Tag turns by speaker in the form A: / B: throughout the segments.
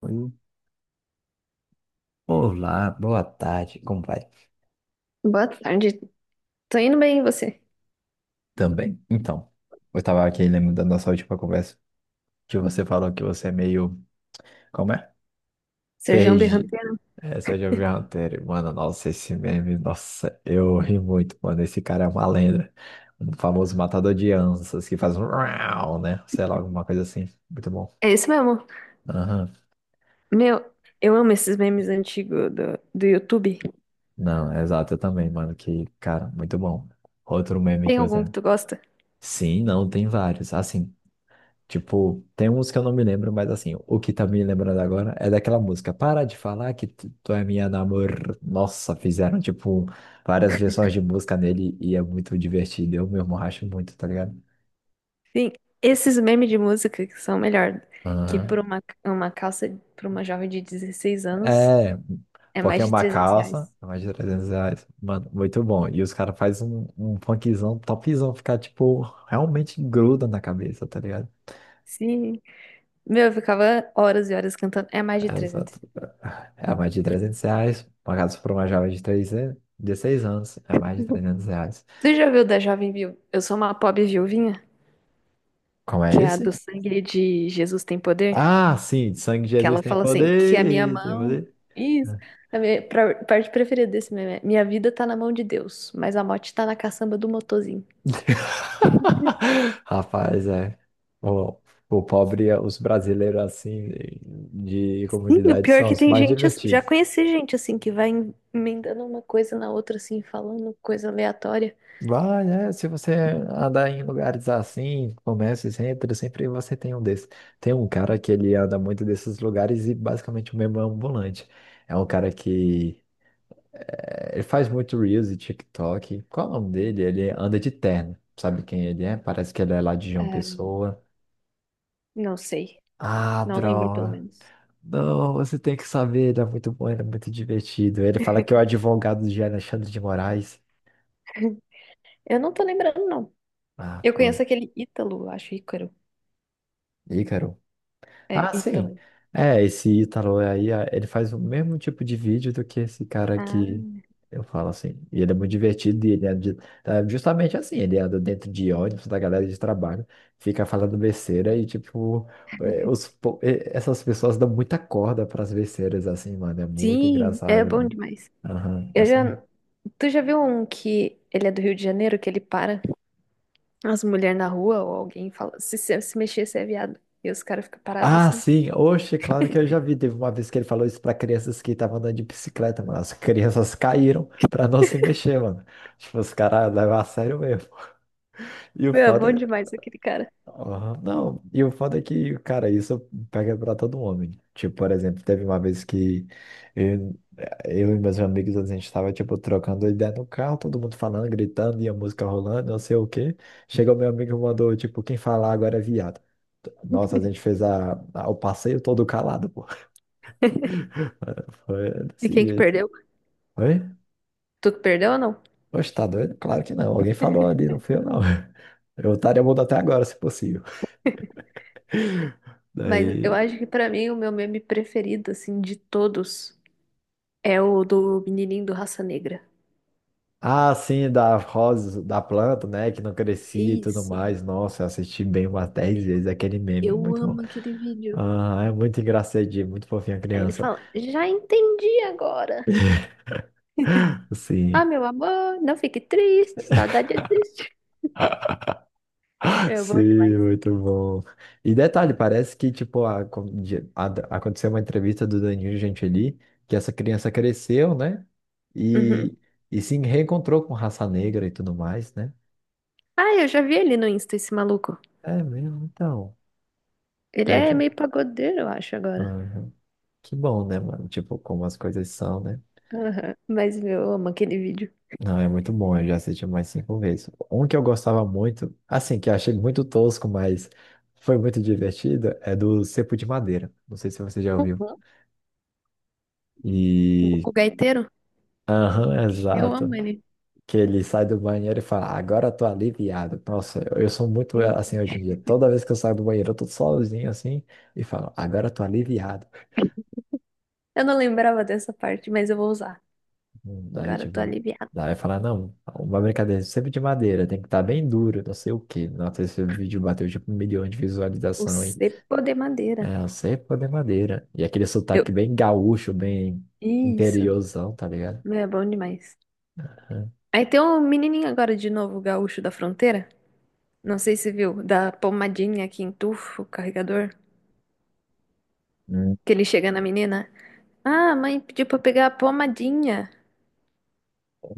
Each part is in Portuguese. A: Oi. Olá, boa tarde, como vai?
B: Boa tarde. Tô indo bem, e você?
A: Também. Então, eu tava aqui lembrando da nossa última conversa, que você falou que você é meio. Como é?
B: Serjão
A: PRG.
B: Berranteiro?
A: É, você já viu Hunter? Mano, nossa, esse meme, nossa, eu ri muito, mano. Esse cara é uma lenda. Um famoso matador de anças que faz um rau, né? Sei lá, alguma coisa assim. Muito bom.
B: É isso mesmo.
A: Aham.
B: Meu, eu amo esses memes antigos do YouTube.
A: Não, é exato, eu também, mano. Que, cara, muito bom. Outro meme
B: Tem
A: que
B: algum
A: você.
B: que tu gosta?
A: Sim, não, tem vários. Assim. Tipo, tem uns que eu não me lembro, mas assim, o que tá me lembrando agora é daquela música. Para de falar que tu é minha namor. Nossa, fizeram, tipo, várias versões de música nele e é muito divertido. Eu mesmo racho muito, tá ligado?
B: Sim, esses memes de música que são melhor que por
A: Aham.
B: uma calça pra uma jovem de 16 anos
A: É,
B: é
A: porque
B: mais
A: é
B: de
A: uma
B: 300
A: calça,
B: reais.
A: é mais de R$ 300. Mano, muito bom. E os caras fazem um funkzão topzão, ficar, tipo, realmente gruda na cabeça, tá ligado?
B: Sim. Meu, eu ficava horas e horas cantando. É mais de
A: É,
B: 300.
A: exato. É mais de R$ 300. Pagados por uma jovem de 3, 16 anos. É mais de R$ 300.
B: Tu já viu da Jovem Viu? Eu sou uma pobre viuvinha,
A: Como é
B: que é a do
A: esse?
B: sangue de Jesus tem poder?
A: Ah, sim. Sangue de
B: Que
A: Jesus
B: ela
A: tem
B: fala assim, que a minha
A: poder. Tem
B: mão.
A: poder.
B: Isso. A minha parte preferida desse meme é, minha vida tá na mão de Deus, mas a morte tá na caçamba do motorzinho.
A: Rapaz, é. O, o pobre, os brasileiros assim, de
B: Sim, o
A: comunidade,
B: pior é
A: são
B: que
A: os
B: tem
A: mais
B: gente, já
A: divertidos.
B: conheci gente assim, que vai emendando uma coisa na outra, assim, falando coisa aleatória.
A: Vai, né? Se você andar em lugares assim, comércios, centros, sempre você tem um desses. Tem um cara que ele anda muito desses lugares e basicamente o mesmo é um ambulante. É um cara que ele faz muito Reels e TikTok. Qual é o nome dele? Ele anda de terno. Sabe quem ele é? Parece que ele é lá de João
B: É,
A: Pessoa.
B: não sei.
A: Ah,
B: Não lembro, pelo
A: droga.
B: menos.
A: Não, você tem que saber. Ele é muito bom, ele é muito divertido. Ele fala que é o advogado de Alexandre de Moraes.
B: Eu não tô lembrando, não.
A: Ah,
B: Eu
A: foi.
B: conheço aquele Ítalo, eu acho, Ícaro.
A: Ícaro.
B: É,
A: Ah, sim.
B: Ítalo.
A: É, esse Ítalo é aí, ah, ele faz o mesmo tipo de vídeo do que esse cara
B: Ah.
A: que eu falo assim. E ele é muito divertido e ele é é justamente assim, ele anda dentro de ônibus da galera de trabalho, fica falando besteira e tipo, é, os é, essas pessoas dão muita corda para as besteiras assim, mano, é muito
B: Sim,
A: engraçado,
B: é bom
A: mano.
B: demais.
A: Aham,
B: Eu
A: gosto.
B: já... Tu já viu um que ele é do Rio de Janeiro, que ele para as mulheres na rua ou alguém fala, se mexer, você é viado. E os caras ficam parados
A: Ah,
B: assim.
A: sim. Oxe, claro que eu já vi. Teve uma vez que ele falou isso pra crianças que estavam andando de bicicleta, mano. As crianças caíram pra não se mexer, mano. Tipo, os caras levam a sério mesmo. E o
B: Meu, é bom
A: foda,
B: demais aquele cara.
A: aham. Não, e o foda é que, cara, isso pega pra todo homem. Tipo, por exemplo, teve uma vez que eu, eu e meus amigos, a gente tava, tipo, trocando ideia no carro, todo mundo falando, gritando, e a música rolando, não sei o quê. Chegou meu amigo e mandou, tipo, quem falar agora é viado. Nossa, a gente fez o passeio todo calado, pô. Foi
B: E
A: desse
B: quem que
A: jeito.
B: perdeu?
A: Oi?
B: Tu que perdeu ou não?
A: Poxa, tá doido? Claro que não. Alguém falou ali, não foi eu, não. Eu estaria mudo até agora, se possível.
B: Mas eu
A: Daí.
B: acho que pra mim o meu meme preferido, assim, de todos, é o do menininho do Raça Negra.
A: Ah, sim, da rosa, da planta, né? Que não crescia e tudo
B: Isso,
A: mais. Nossa, eu assisti bem umas 10 vezes aquele meme.
B: eu
A: Muito bom.
B: amo aquele vídeo.
A: Ah, é muito engraçadinho, muito fofinha a
B: Aí ele
A: criança.
B: fala, já entendi agora. Ah,
A: Sim.
B: meu amor, não fique triste, saudade existe. Meu, bom
A: Sim,
B: demais.
A: muito bom. E detalhe, parece que, tipo, aconteceu uma entrevista do Danilo Gentili, que essa criança cresceu, né?
B: Uhum.
A: E, e se reencontrou com raça negra e tudo mais, né?
B: Ah, eu já vi ele no Insta, esse maluco.
A: É mesmo, então.
B: Ele
A: Né,
B: é
A: Jean?
B: meio pagodeiro, eu acho, agora.
A: Aham. Que bom, né, mano? Tipo, como as coisas são, né?
B: Aham. Mas meu, eu amo aquele vídeo.
A: Não, é muito bom, eu já assisti mais cinco vezes. Um que eu gostava muito, assim, que eu achei muito tosco, mas foi muito divertido, é do Cepo de Madeira. Não sei se você já ouviu.
B: Uhum.
A: E.
B: Gugu Gaiteiro?
A: Aham,
B: Eu amo
A: exato.
B: ele.
A: Que ele sai do banheiro e fala, agora eu tô aliviado. Nossa, eu sou muito
B: Sim.
A: assim hoje em dia. Toda vez que eu saio do banheiro, eu tô sozinho assim e falo, agora eu tô aliviado.
B: Eu não lembrava dessa parte, mas eu vou usar.
A: Daí,
B: Agora eu tô
A: tipo,
B: aliviada.
A: daí fala, não, uma brincadeira sempre de madeira, tem que estar bem duro, não sei o quê. Nossa, esse vídeo bateu tipo 1 milhão de
B: O
A: visualizações.
B: cepo de madeira.
A: É, a cepa de madeira. E aquele
B: Eu...
A: sotaque bem gaúcho, bem
B: Isso.
A: interiorzão, tá ligado?
B: Meu, é bom demais.
A: É.
B: Aí tem um menininho agora de novo, gaúcho da fronteira. Não sei se viu, da pomadinha que entufa o carregador.
A: Hum.
B: Que ele chega na menina. Ah, a mãe pediu pra eu pegar a pomadinha.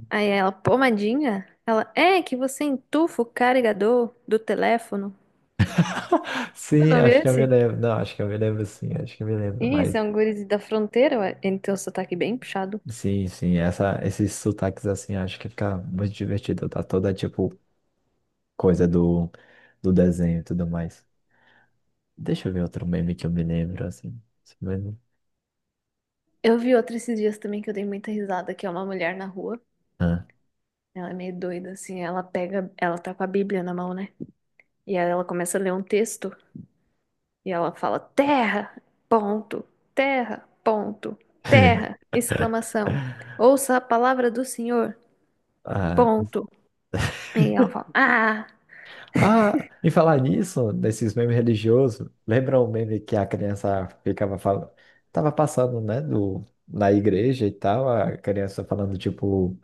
B: Aí ela, pomadinha? Ela, é que você entufa o carregador do teléfono. Tu
A: Sim,
B: não viu
A: acho que eu me
B: esse?
A: lembro. Não, acho que eu me lembro sim, acho que eu me lembro,
B: Ih,
A: mas.
B: são guris da fronteira, ué. Ele tem o sotaque bem puxado.
A: Sim, sim, essa, esses sotaques assim, acho que fica muito divertido. Tá toda tipo coisa do, do desenho e tudo mais. Deixa eu ver outro meme que eu me lembro, assim. Esse meme.
B: Eu vi outra esses dias também que eu dei muita risada, que é uma mulher na rua.
A: Ah.
B: Ela é meio doida, assim, ela pega, ela tá com a Bíblia na mão, né? E aí ela começa a ler um texto e ela fala: Terra, ponto, terra, ponto, terra, exclamação. Ouça a palavra do Senhor,
A: Ah,
B: ponto. E ela fala: Ah,
A: ah, e falar nisso, desses memes religiosos, lembra o meme que a criança ficava falando, tava passando, né, do, na igreja e tal, a criança falando, tipo,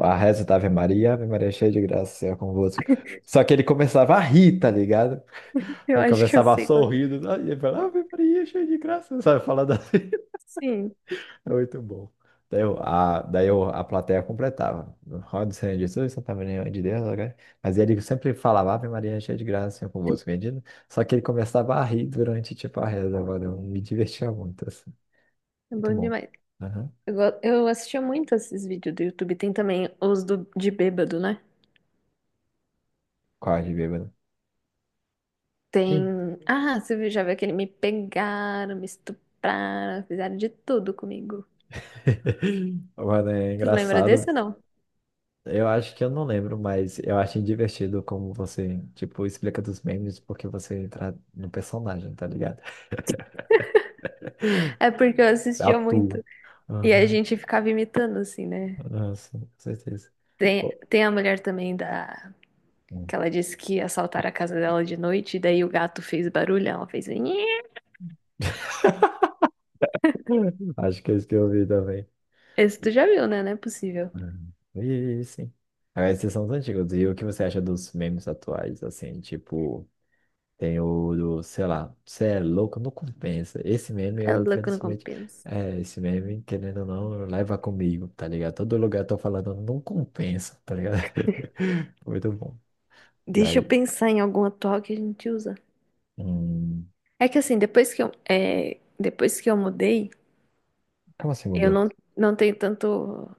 A: a reza da Ave Maria, Ave Maria é cheia de graça, Senhor é convosco. Só que ele começava a rir, tá ligado?
B: eu
A: Ele
B: acho que eu
A: começava a
B: sei qual que
A: sorrir,
B: é.
A: e ele falava, Ave Maria cheia de graça, sabe, falando assim.
B: Sim,
A: É muito bom. Daí, eu, a, a plateia completava. Roda Senhor Jesus, Santa Maria, Mãe de Deus. Ok? Mas ele sempre falava, Ave Maria, cheia de graça, Senhor é convosco, bendito. Só que ele começava a rir durante, tipo, a reza, mano. Eu me divertia muito, assim.
B: é
A: Muito
B: bom
A: bom.
B: demais.
A: Uhum.
B: Eu assistia muito esses vídeos do YouTube. Tem também os do, de bêbado, né?
A: Quase bêbado. Sim.
B: Tem. Ah, já viu aquele me pegaram, me estupraram, fizeram de tudo comigo.
A: Mano, é
B: Tu lembra
A: engraçado.
B: desse ou não?
A: Eu acho que eu não lembro, mas eu acho divertido como você, tipo, explica dos memes porque você entra no personagem, tá ligado?
B: É porque eu assistia muito.
A: Atua.
B: E a gente ficava imitando, assim, né?
A: Nossa, com certeza.
B: Tem,
A: Pô,
B: tem a mulher também da.
A: hum.
B: Que ela disse que assaltaram a casa dela de noite, e daí o gato fez barulho, ela fez. "Nhe".
A: Acho que é isso que eu ouvi também.
B: Esse tu
A: E,
B: já viu, né? Não é possível.
A: e sim. Agora, esses são os antigos. E o que você acha dos memes atuais? Assim, tipo, tem o do, sei lá, você é louco, não compensa. Esse meme,
B: É
A: eu
B: louco, não
A: infelizmente,
B: compensa.
A: é, esse meme, querendo ou não, leva comigo, tá ligado? Todo lugar eu tô falando, não compensa, tá ligado? Muito bom.
B: Deixa eu
A: Daí,
B: pensar em algum atual que a gente usa.
A: hum,
B: É que assim, depois que eu mudei,
A: como assim
B: eu
A: mudou?
B: não, não tenho tanto.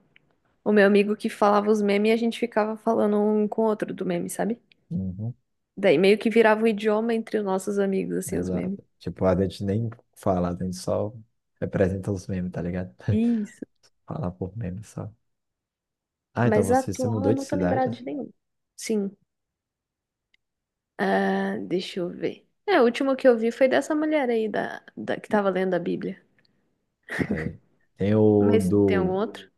B: O meu amigo que falava os memes e a gente ficava falando um com o outro do meme, sabe?
A: Uhum.
B: Daí meio que virava um idioma entre os nossos amigos, assim, os memes.
A: Exato. Tipo, a gente nem fala, a gente só representa os memes, tá ligado?
B: Isso.
A: Fala por memes só. Ah, então
B: Mas
A: você se
B: atual
A: mudou
B: eu
A: de
B: não tô
A: cidade?
B: lembrada de nenhum. Sim. Ah, deixa eu ver. É, o último que eu vi foi dessa mulher aí da que tava lendo a Bíblia.
A: Tá aí. Tem o
B: Mas tem algum
A: do
B: outro?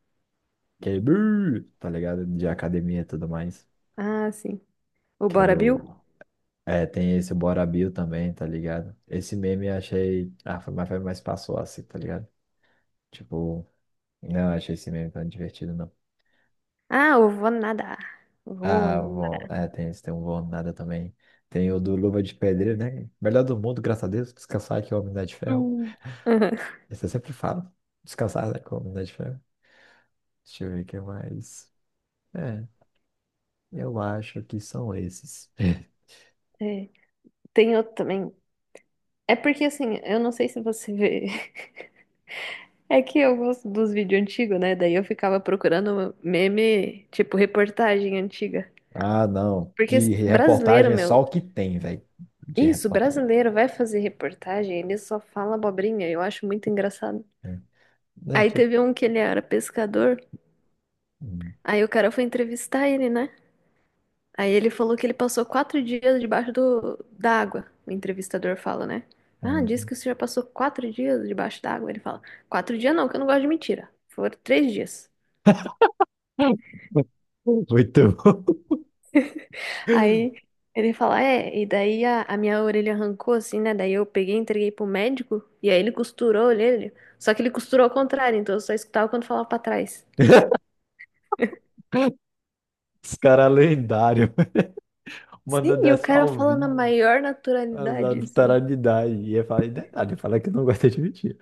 A: aquele brrr, tá ligado? De academia e tudo mais.
B: Ah, sim. O
A: Que é
B: Bora Bill?
A: do. É, tem esse Bora Bill também, tá ligado? Esse meme eu achei. Ah, foi mais passou assim, tá ligado? Tipo, não achei esse meme tão divertido, não.
B: Ah, eu vou nadar. Vou
A: Ah, bom,
B: nadar.
A: é, tem esse, tem um bom nada também. Tem o do Luva de Pedreiro, né? Melhor do mundo, graças a Deus, descansar que é o Homem de Ferro.
B: Hum. Aham.
A: Esse eu sempre falo, descansar né, que é o Homem de Ferro. Deixa eu ver o que mais. É, eu acho que são esses.
B: É, tem outro também. É porque assim, eu não sei se você vê. É que eu gosto dos vídeos antigos, né? Daí eu ficava procurando meme, tipo reportagem antiga.
A: Ah, não,
B: Porque
A: de
B: brasileiro,
A: reportagem é só
B: meu,
A: o que tem, velho, de
B: isso,
A: reportagem.
B: brasileiro vai fazer reportagem, ele só fala abobrinha, eu acho muito engraçado.
A: É. Não,
B: Aí
A: tipo,
B: teve um que ele era pescador,
A: hum,
B: aí o cara foi entrevistar ele, né? Aí ele falou que ele passou 4 dias debaixo da água. O entrevistador fala, né? Ah, disse
A: hum.
B: que o senhor passou 4 dias debaixo da água. Ele fala, 4 dias não, que eu não gosto de mentira. Foram 3 dias.
A: Muito bom.
B: Aí ele fala, é, e daí a minha orelha arrancou assim, né? Daí eu peguei, e entreguei pro médico, e aí ele costurou a orelha. Só que ele costurou ao contrário, então eu só escutava quando falava pra trás.
A: Os caras lendários,
B: Sim,
A: mandando
B: e o
A: essa
B: cara
A: ao
B: fala na
A: vivo.
B: maior
A: Azar
B: naturalidade, assim.
A: tarado de idade. E ia falar, e detalhe, falar que não gosta de mentir.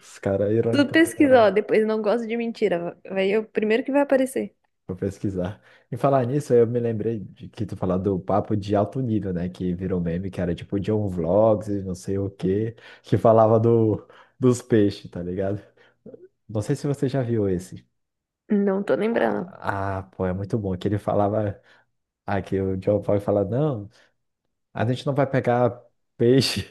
A: Os caras
B: Tu
A: irônicos pra
B: pesquisa,
A: cara.
B: ó, depois não gosto de mentira, vai é o primeiro que vai aparecer.
A: Vou pesquisar. Em falar nisso, eu me lembrei de que tu falou do papo de alto nível, né? Que virou meme, que era tipo John Vlogs e não sei o quê, que falava do, dos peixes, tá ligado? Não sei se você já viu esse.
B: Não tô lembrando.
A: Ah, ah, pô, é muito bom. Que ele falava. Ah, que o John Vlog fala: não, a gente não vai pegar peixe.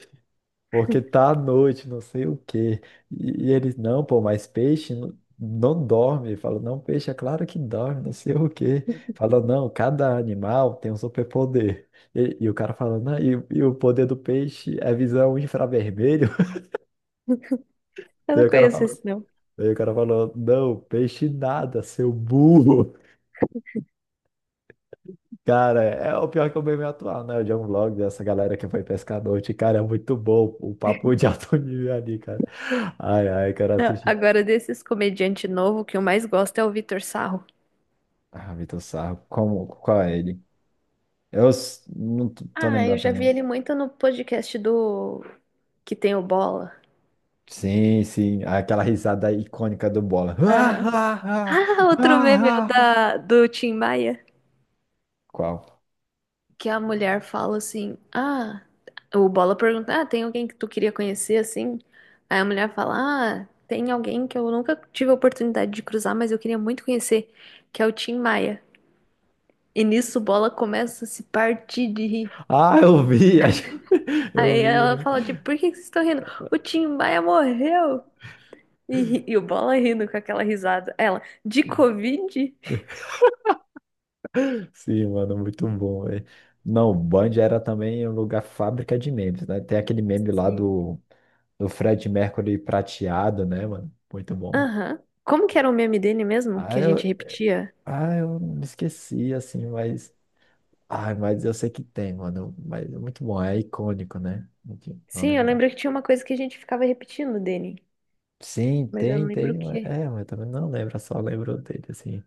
A: Porque tá à noite, não sei o quê. E eles, não, pô, mas peixe não, não dorme. Falou, não, peixe é claro que dorme, não sei o quê. Falou, não, cada animal tem um superpoder. E o cara falando, não, e o poder do peixe é visão infravermelho.
B: Eu
A: Daí
B: não
A: o cara
B: conheço
A: falou,
B: esse, não.
A: não, peixe nada, seu burro. Cara, é o pior que é o meme atual, né? O John Vlog dessa galera que foi pescar à noite. Cara, é muito bom o papo de alto nível ali, cara. Ai, ai, cara,
B: Não.
A: assisti.
B: Agora, desses comediante novo, o que eu mais gosto é o Vitor Sarro.
A: Ah, Vitor Sarro, como, qual é ele? Eu não tô
B: Ah, eu
A: lembrando pra
B: já vi
A: não.
B: ele muito no podcast do que tem o Bola.
A: Sim, sim, aquela risada icônica do Bola.
B: Aham.
A: Ah, ah,
B: Ah,
A: ah,
B: outro meme é o
A: ah, ah.
B: da, do Tim Maia,
A: Qual?
B: que a mulher fala assim, ah, o Bola pergunta, ah, tem alguém que tu queria conhecer, assim? Aí a mulher fala, ah, tem alguém que eu nunca tive a oportunidade de cruzar, mas eu queria muito conhecer, que é o Tim Maia. E nisso o Bola começa a se partir de rir.
A: Ah, eu vi, acho, eu
B: Aí
A: vi,
B: ela
A: eu
B: fala,
A: vi.
B: tipo, por que que vocês estão rindo? O Tim Maia morreu! E, e o Bola rindo com aquela risada. Ela, de Covid?
A: Sim, mano, muito bom, velho. Não, o Band era também um lugar fábrica de memes, né? Tem aquele meme lá
B: Sim.
A: do, do Fred Mercury prateado, né, mano? Muito bom.
B: Aham. Como que era o meme dele mesmo,
A: Ah,
B: que a gente
A: eu,
B: repetia?
A: eu me esqueci, assim, mas. Ai, mas eu sei que tem, mano. Mas é muito bom, é icônico, né? Enfim, não
B: Sim, eu
A: lembrar.
B: lembro que tinha uma coisa que a gente ficava repetindo dele,
A: Sim,
B: mas eu não
A: tem,
B: lembro
A: tem.
B: o
A: Mas,
B: quê.
A: é, mas também não lembro, só lembro dele, assim.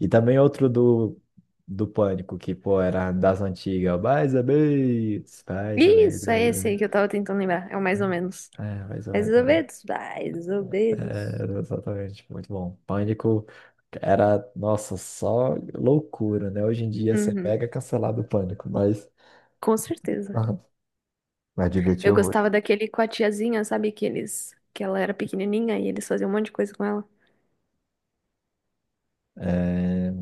A: E também outro do, do Pânico, que, pô, era das antigas. Mais ou menos, mais ou menos.
B: Isso, é
A: Mais ou
B: esse
A: menos.
B: aí que eu tava tentando lembrar. É o mais ou menos.
A: É, é, mais ou
B: Mais
A: menos,
B: ou
A: mano.
B: menos, mais ou
A: É,
B: menos.
A: é, exatamente, muito bom. Pânico era, nossa, só loucura, né? Hoje em dia você
B: Uhum,
A: pega cancelado o Pânico, mas...
B: com certeza.
A: Mas
B: Eu
A: divertia
B: gostava
A: horrores.
B: daquele com a tiazinha, sabe? Que eles, que ela era pequenininha e eles faziam um monte de coisa com ela.
A: É,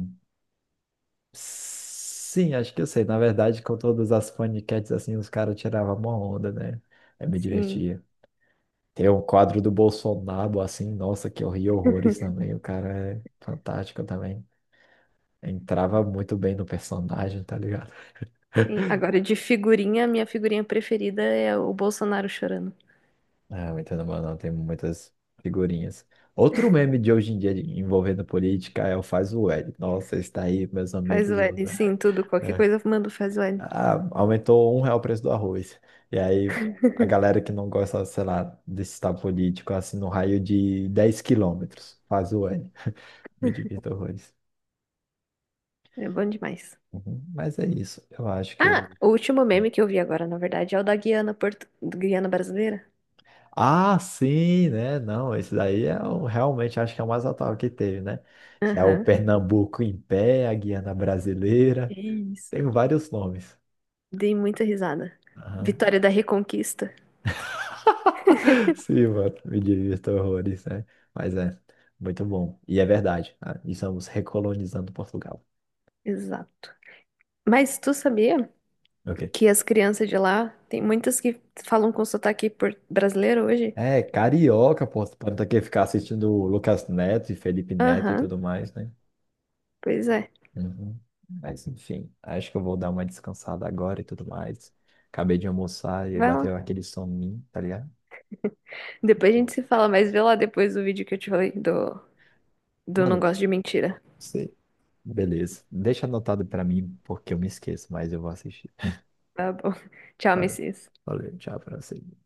A: sim, acho que eu sei. Na verdade, com todas as paniquetes assim, os caras tiravam uma onda, né? Eu me
B: Sim,
A: divertia. Tem um quadro do Bolsonaro, assim, nossa, que eu ri horrores também. O cara é fantástico também. Entrava muito bem no personagem, tá ligado?
B: sim. Agora, de figurinha, minha figurinha preferida é o Bolsonaro chorando.
A: Ah, muito no não, tem muitas figurinhas. Outro meme de hoje em dia envolvendo política é o Faz o L. Nossa, está aí, meus
B: Faz
A: amigos.
B: o
A: O.
B: L, sim, tudo, qualquer coisa eu mando faz o L.
A: Ah, aumentou R$ 1 o preço do arroz. E aí a galera que não gosta, sei lá, desse estado político, assim, no raio de 10 km, faz o N. Me divirto horrores.
B: É bom demais.
A: Uhum. Mas é isso, eu acho que eu
B: Ah,
A: vou.
B: o último meme que eu vi agora, na verdade, é o da Guiana, do Guiana brasileira.
A: Ah, sim, né? Não, esse daí é o, realmente acho que é o mais atual que teve, né? Que é o
B: Aham.
A: Pernambuco em pé, a Guiana Brasileira. Tem
B: Isso.
A: vários nomes.
B: Dei muita risada. Vitória da Reconquista.
A: Sim, mano, me divirto horrores, né? Mas é, muito bom. E é verdade, ah, estamos recolonizando Portugal.
B: Exato. Mas tu sabia
A: Ok.
B: que as crianças de lá, tem muitas que falam com sotaque brasileiro hoje?
A: É, carioca, pô, para não ter que ficar assistindo o Lucas Neto e Felipe Neto e
B: Aham,
A: tudo mais, né?
B: pois é.
A: Uhum. Mas enfim, acho que eu vou dar uma descansada agora e tudo mais. Acabei de almoçar e
B: Vai lá.
A: bateu aquele soninho, tá ligado?
B: Depois a
A: Ó,
B: gente se fala, mas vê lá depois o vídeo que eu te falei do, do Não
A: mano,
B: Gosto de Mentira.
A: você, beleza. Deixa anotado pra mim, porque eu me esqueço, mas eu vou assistir.
B: Tá bom. Tchau,
A: Valeu.
B: Messias.
A: Valeu, tchau pra você.